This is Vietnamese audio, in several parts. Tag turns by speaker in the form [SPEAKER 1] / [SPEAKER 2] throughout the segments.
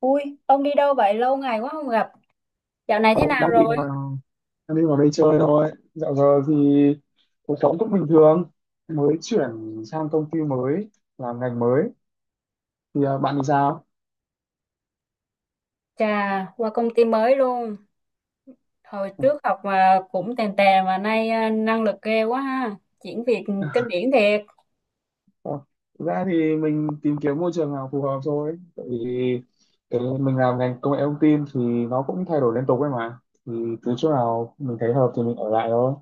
[SPEAKER 1] Ui, ông đi đâu vậy? Lâu ngày quá không gặp. Dạo này
[SPEAKER 2] Ờ,
[SPEAKER 1] thế nào rồi?
[SPEAKER 2] đang định vào đây chơi thôi. Dạo giờ thì cuộc sống cũng bình thường, mới chuyển sang công ty mới, làm ngành mới. Bạn thì sao?
[SPEAKER 1] Chà, qua công ty mới luôn. Hồi
[SPEAKER 2] Ờ,
[SPEAKER 1] trước học mà cũng tèn tè mà nay năng lực ghê quá ha. Chuyển việc kinh điển thiệt.
[SPEAKER 2] ờ, Thực ra thì mình tìm kiếm môi trường nào phù hợp thôi, tại vì cái mình làm ngành công nghệ thông tin thì nó cũng thay đổi liên tục ấy mà, thì cứ chỗ nào mình thấy hợp thì mình ở lại thôi.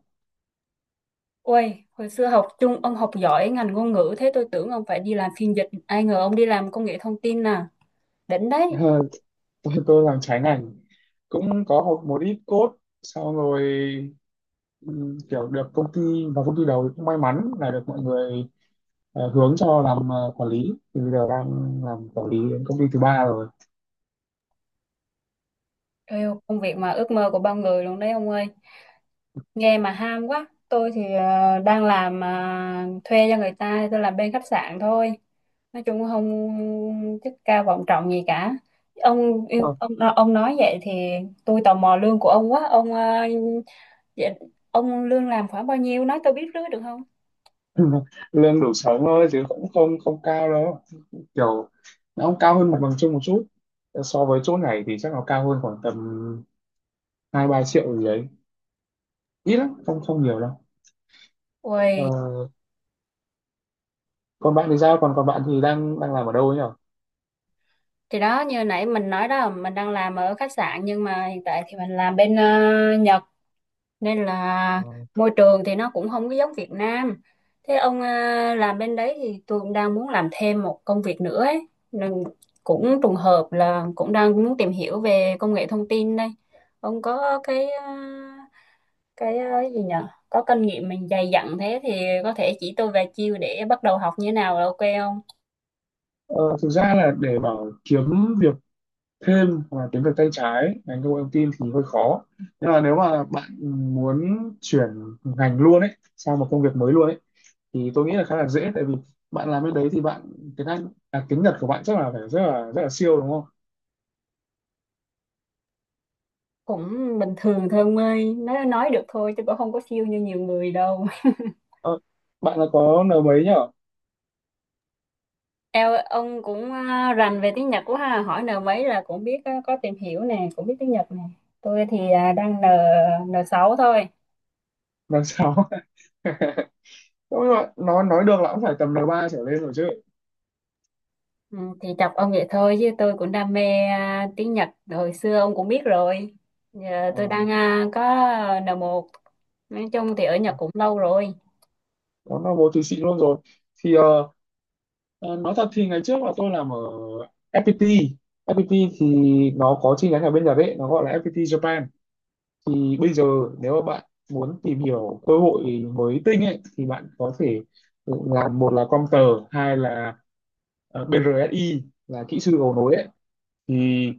[SPEAKER 1] Ui, hồi xưa học chung ông học giỏi ngành ngôn ngữ thế tôi tưởng ông phải đi làm phiên dịch. Ai ngờ ông đi làm công nghệ thông tin nè. Đỉnh đấy.
[SPEAKER 2] Tôi làm trái ngành, cũng có học một ít code, xong rồi kiểu được công ty, và công ty đầu cũng may mắn là được mọi người hướng cho làm quản lý, thì bây giờ đang làm quản lý đến công ty thứ ba rồi.
[SPEAKER 1] Eo, công việc mà ước mơ của bao người luôn đấy ông ơi. Nghe mà ham quá. Tôi thì đang làm thuê cho người ta, tôi làm bên khách sạn thôi. Nói chung không chức cao vọng trọng gì cả. Ông yêu
[SPEAKER 2] Ờ,
[SPEAKER 1] ông ông nói vậy thì tôi tò mò lương của ông quá. Ông vậy, ông lương làm khoảng bao nhiêu? Nói tôi biết rưới được không?
[SPEAKER 2] lương đủ sống thôi chứ cũng không không cao đâu, kiểu nó cũng cao hơn mặt bằng chung một chút. Ờ, so với chỗ này thì chắc nó cao hơn khoảng tầm 2-3 triệu gì đấy, ít lắm, không không nhiều đâu.
[SPEAKER 1] Ui,
[SPEAKER 2] Ờ, còn bạn thì sao? Còn còn bạn thì đang đang làm ở đâu ấy nhỉ?
[SPEAKER 1] thì đó như nãy mình nói đó, mình đang làm ở khách sạn nhưng mà hiện tại thì mình làm bên Nhật. Nên là môi trường thì nó cũng không có giống Việt Nam. Thế ông làm bên đấy thì tôi cũng đang muốn làm thêm một công việc nữa ấy. Nên cũng trùng hợp là cũng đang muốn tìm hiểu về công nghệ thông tin đây. Ông có cái cái gì nhở, có kinh nghiệm mình dày dặn thế thì có thể chỉ tôi vài chiêu để bắt đầu học như thế nào là ok không?
[SPEAKER 2] Ờ, thực ra là để bảo kiếm việc thêm hoặc là tiếng Việt tay trái ngành công nghệ thông tin thì hơi khó, nhưng mà nếu mà bạn muốn chuyển ngành luôn ấy, sang một công việc mới luôn ấy, thì tôi nghĩ là khá là dễ, tại vì bạn làm bên đấy thì bạn tiếng Anh tiếng Nhật của bạn chắc là phải rất là siêu đúng không?
[SPEAKER 1] Cũng bình thường thôi ông ơi, nói được thôi chứ cũng không có siêu như nhiều người đâu.
[SPEAKER 2] ờ, Bạn là có N mấy nhở?
[SPEAKER 1] Eo, ông cũng rành về tiếng Nhật quá ha, hỏi N mấy là cũng biết á, có tìm hiểu nè, cũng biết tiếng Nhật nè. Tôi thì đang N n sáu thôi.
[SPEAKER 2] N6. Đúng rồi, nói được là cũng phải tầm N3 trở lên rồi chứ.
[SPEAKER 1] Ừ, thì chọc ông vậy thôi chứ tôi cũng đam mê tiếng Nhật hồi xưa ông cũng biết rồi. Giờ
[SPEAKER 2] Ờ,
[SPEAKER 1] tôi đang có n một. Nói chung thì ở Nhật cũng lâu rồi.
[SPEAKER 2] có N1 thì xịn luôn rồi. Thì Ờ, nói thật thì ngày trước là tôi làm ở FPT. FPT thì nó có chi nhánh ở bên Nhật ấy, nó gọi là FPT Japan. Thì bây giờ nếu mà bạn muốn tìm hiểu cơ hội mới tinh ấy thì bạn có thể làm, một là Comter, hai là BRSI là kỹ sư cầu nối ấy. Thì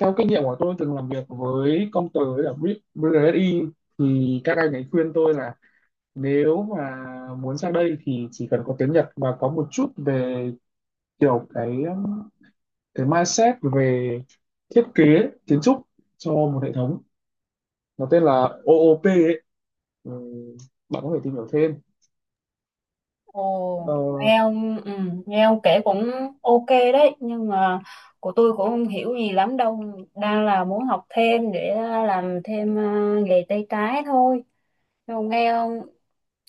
[SPEAKER 2] theo kinh nghiệm của tôi từng làm việc với Comter với cả BRSI thì các anh ấy khuyên tôi là nếu mà muốn sang đây thì chỉ cần có tiếng Nhật và có một chút về kiểu cái mindset về thiết kế, kiến trúc cho một hệ thống, nó tên là OOP ấy. Ừ, bạn có thể tìm hiểu thêm. ờ,
[SPEAKER 1] Ồ, nghe ông nghe ông kể cũng ok đấy, nhưng mà của tôi cũng không hiểu gì lắm đâu, đang là muốn học thêm để làm thêm nghề tay trái thôi. Không, nghe không?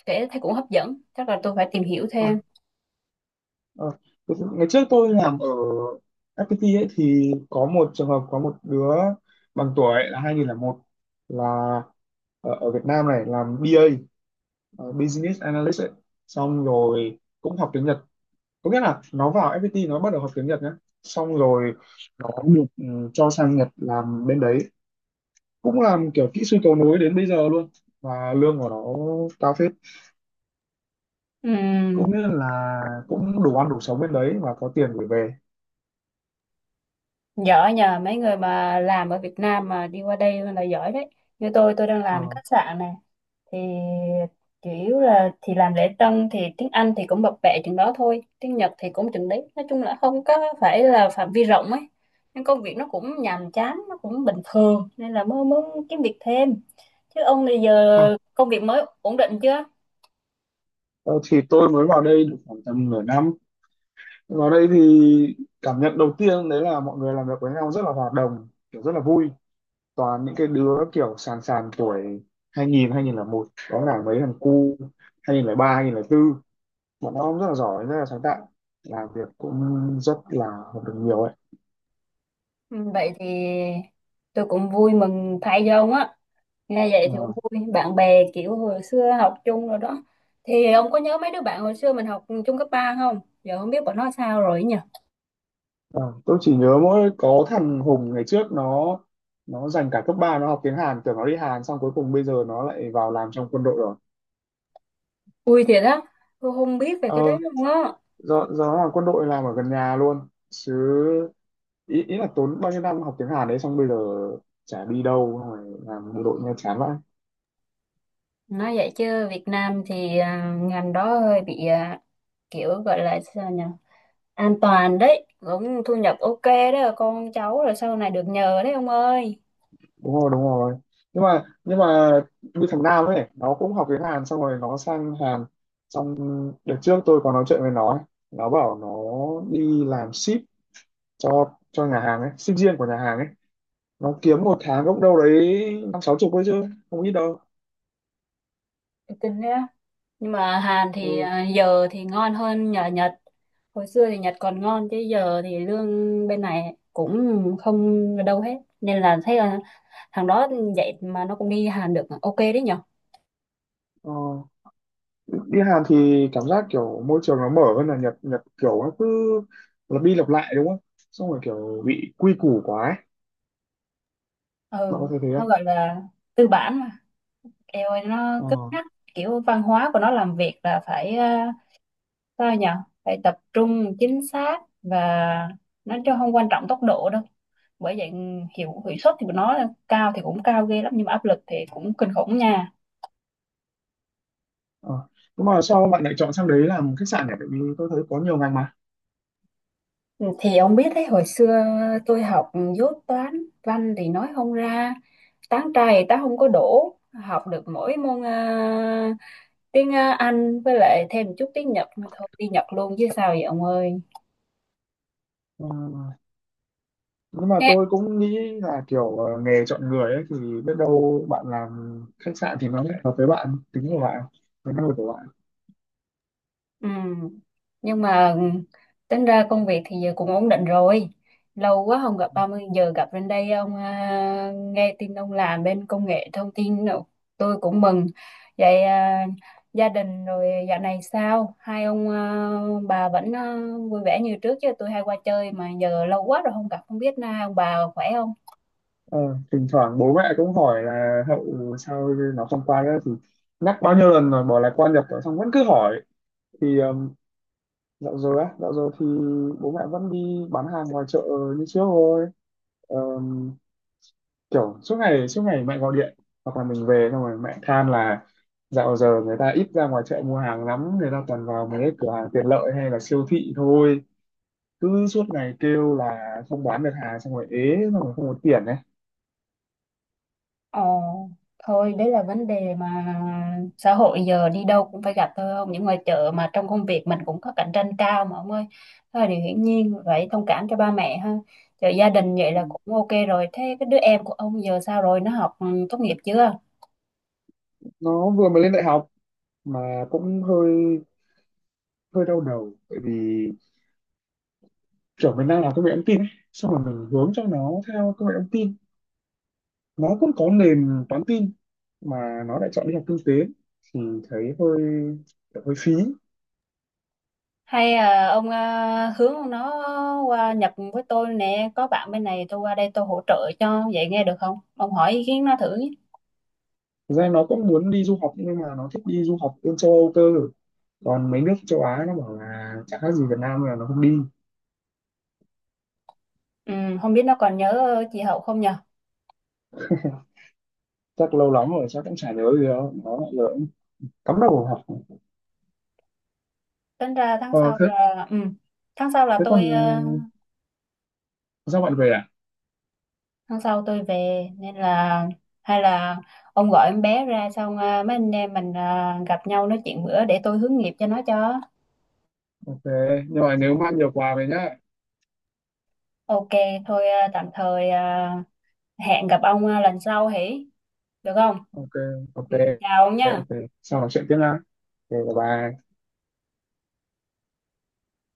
[SPEAKER 1] Kể thấy cũng hấp dẫn. Chắc là tôi phải tìm hiểu
[SPEAKER 2] à,
[SPEAKER 1] thêm.
[SPEAKER 2] à, Ngày trước tôi làm ở FPT ấy, thì có một trường hợp có một đứa bằng tuổi là 2001, là ở Việt Nam này làm BA, Business Analyst ấy. Xong rồi cũng học tiếng Nhật, có nghĩa là nó vào FPT nó bắt đầu học tiếng Nhật nhé, xong rồi nó được cho sang Nhật làm bên đấy, cũng làm kiểu kỹ sư cầu nối đến bây giờ luôn, và lương của nó cao phết. Cũng
[SPEAKER 1] Ừm,
[SPEAKER 2] nghĩa là cũng đủ ăn đủ sống bên đấy và có tiền gửi về.
[SPEAKER 1] giỏi nhờ, mấy người mà làm ở Việt Nam mà đi qua đây là giỏi đấy. Như tôi đang làm
[SPEAKER 2] Ờ.
[SPEAKER 1] khách sạn này. Thì chủ yếu là thì làm lễ tân thì tiếng Anh thì cũng bập bẹ chừng đó thôi. Tiếng Nhật thì cũng chừng đấy. Nói chung là không có phải là phạm vi rộng ấy. Nhưng công việc nó cũng nhàm chán, nó cũng bình thường. Nên là mới muốn kiếm việc thêm. Chứ ông bây
[SPEAKER 2] Ờ,
[SPEAKER 1] giờ công việc mới ổn định chưa?
[SPEAKER 2] ờ, thì tôi mới vào đây được khoảng tầm nửa năm. Vào đây thì cảm nhận đầu tiên đấy là mọi người làm việc với nhau rất là hòa đồng, kiểu rất là vui, toàn những cái đứa kiểu sàn sàn tuổi 2000 một, có cả mấy thằng cu 2003 bốn. Bọn nó rất là giỏi, rất là sáng tạo, làm việc cũng rất là học được nhiều ấy.
[SPEAKER 1] Ừ, vậy thì tôi cũng vui mừng thay cho ông á, nghe vậy thì cũng
[SPEAKER 2] Ờ,
[SPEAKER 1] vui, bạn bè kiểu hồi xưa học chung rồi đó, thì ông có nhớ mấy đứa bạn hồi xưa mình học chung cấp 3 không, giờ không biết bọn nó sao rồi ấy nhỉ.
[SPEAKER 2] Ờ, tôi chỉ nhớ mỗi có thằng Hùng, ngày trước nó dành cả cấp ba nó học tiếng Hàn, tưởng nó đi Hàn, xong cuối cùng bây giờ nó lại vào làm trong quân đội rồi.
[SPEAKER 1] Vui thiệt á, tôi không biết về cái đấy
[SPEAKER 2] Ờ,
[SPEAKER 1] luôn á.
[SPEAKER 2] do nó làm quân đội làm ở gần nhà luôn chứ. Ý là tốn bao nhiêu năm học tiếng Hàn đấy xong bây giờ chả đi đâu, xong rồi làm bộ đội nghe chán vậy.
[SPEAKER 1] Nói vậy chứ Việt Nam thì ngành đó hơi bị kiểu gọi là sao nhỉ, an toàn đấy, cũng thu nhập ok đó, con cháu rồi sau này được nhờ đấy ông ơi.
[SPEAKER 2] Đúng rồi, đúng rồi, nhưng mà như thằng Nam ấy, nó cũng học tiếng Hàn xong rồi nó sang Hàn. Xong đợt trước tôi có nói chuyện với nó ấy. Nó bảo nó đi làm ship cho nhà hàng ấy, sinh viên của nhà hàng ấy, nó kiếm một tháng gốc đâu đấy năm sáu chục thôi chứ không ít đâu.
[SPEAKER 1] Tôi tin đó, nhưng mà Hàn thì
[SPEAKER 2] Ừ.
[SPEAKER 1] giờ thì ngon hơn nhờ Nhật. Hồi xưa thì Nhật còn ngon chứ giờ thì lương bên này cũng không đâu hết, nên là thấy là thằng đó vậy mà nó cũng đi Hàn được, ok đấy nhở.
[SPEAKER 2] Ờ. Đi Hàn thì cảm giác kiểu môi trường nó mở hơn là Nhật. Nhật kiểu nó cứ lặp đi lặp lại đúng không? Xong rồi kiểu bị quy củ quá ấy. Bạn có
[SPEAKER 1] Ừ,
[SPEAKER 2] thấy thế
[SPEAKER 1] nó
[SPEAKER 2] không?
[SPEAKER 1] gọi là tư bản mà, eo ơi nó
[SPEAKER 2] Ờ.
[SPEAKER 1] cứng nhắc, kiểu văn hóa của nó làm việc là phải sao nhở? Phải tập trung chính xác và nó chứ không quan trọng tốc độ đâu, bởi vậy hiệu hiệu suất thì của nó cao thì cũng cao ghê lắm nhưng mà áp lực thì cũng kinh khủng nha.
[SPEAKER 2] Ờ. Nhưng mà sao bạn lại chọn sang đấy làm khách sạn nhỉ? Tại vì tôi thấy có nhiều ngành mà.
[SPEAKER 1] Ừ, thì ông biết đấy, hồi xưa tôi học dốt toán, văn thì nói không ra, tán trai ta không có đổ, học được mỗi môn tiếng Anh với lại thêm chút tiếng Nhật mà thôi, đi Nhật luôn chứ sao vậy ông ơi.
[SPEAKER 2] Ờ. Nhưng mà
[SPEAKER 1] Thế.
[SPEAKER 2] tôi cũng nghĩ là kiểu nghề chọn người ấy, thì biết đâu bạn làm khách sạn thì nó lại hợp với bạn, tính của bạn, với năng lực của bạn.
[SPEAKER 1] Ừ. Nhưng mà tính ra công việc thì giờ cũng ổn định rồi. Lâu quá không gặp 30 giờ gặp lên đây ông nghe tin ông làm bên công nghệ thông tin nữa. Tôi cũng mừng. Vậy gia đình rồi dạo này sao? Hai ông bà vẫn vui vẻ như trước chứ, tôi hay qua chơi mà giờ lâu quá rồi không gặp, không biết na ông bà khỏe không?
[SPEAKER 2] Ờ, thỉnh thoảng bố mẹ cũng hỏi là Hậu sao nó không qua nữa, thì nhắc bao nhiêu lần rồi bỏ là qua Nhật rồi xong vẫn cứ hỏi. Thì dạo rồi á, dạo rồi thì bố mẹ vẫn đi bán hàng ngoài chợ như trước thôi. Ờm, Kiểu suốt ngày mẹ gọi điện, hoặc là mình về xong rồi mẹ than là dạo giờ người ta ít ra ngoài chợ mua hàng lắm, người ta toàn vào mấy cái cửa hàng tiện lợi hay là siêu thị thôi, cứ suốt ngày kêu là không bán được hàng, xong rồi ế, xong rồi không có tiền ấy.
[SPEAKER 1] Ờ, thôi đấy là vấn đề mà xã hội giờ đi đâu cũng phải gặp thôi, không những ngoài chợ mà trong công việc mình cũng có cạnh tranh cao mà ông ơi, thôi điều hiển nhiên phải thông cảm cho ba mẹ ha. Chợ gia đình vậy là cũng ok rồi, thế cái đứa em của ông giờ sao rồi, nó học tốt nghiệp chưa?
[SPEAKER 2] Nó vừa mới lên đại học mà cũng hơi hơi đau đầu, bởi vì kiểu mình đang làm công nghệ thông tin ấy, xong rồi mình hướng cho nó theo công nghệ thông tin, nó cũng có nền toán tin, mà nó lại chọn đi học kinh tế, thì thấy hơi kiểu hơi phí.
[SPEAKER 1] Hay ông hướng nó qua Nhật với tôi nè, có bạn bên này tôi qua đây tôi hỗ trợ cho, vậy nghe được không, ông hỏi ý kiến nó thử nhé.
[SPEAKER 2] Thực ra nó cũng muốn đi du học, nhưng mà nó thích đi du học bên châu Âu cơ, còn mấy nước châu Á nó bảo là chẳng khác gì Việt Nam nên là nó không đi.
[SPEAKER 1] Ừ, không biết nó còn nhớ chị Hậu không nhờ.
[SPEAKER 2] Chắc lâu lắm rồi chắc cũng chả nhớ gì đâu, nó lại lỡ cắm đầu vào học.
[SPEAKER 1] Tính ra tháng
[SPEAKER 2] Ờ
[SPEAKER 1] sau
[SPEAKER 2] thế
[SPEAKER 1] là tháng sau là
[SPEAKER 2] Thế
[SPEAKER 1] tôi
[SPEAKER 2] còn,
[SPEAKER 1] ờ,
[SPEAKER 2] sao bạn về à?
[SPEAKER 1] tháng sau tôi về, nên là hay là ông gọi em bé ra xong mấy anh em mình gặp nhau nói chuyện bữa để tôi hướng nghiệp cho nó cho
[SPEAKER 2] Ok, nhưng mà nhớ mang nhiều quà về nhá.
[SPEAKER 1] ok. Thôi tạm thời hẹn gặp ông lần sau hỉ, được không?
[SPEAKER 2] Ok. Ok.
[SPEAKER 1] Ừ, chào ông nha.
[SPEAKER 2] Ok, sau nói chuyện tiếp nha. Ok, bye bye.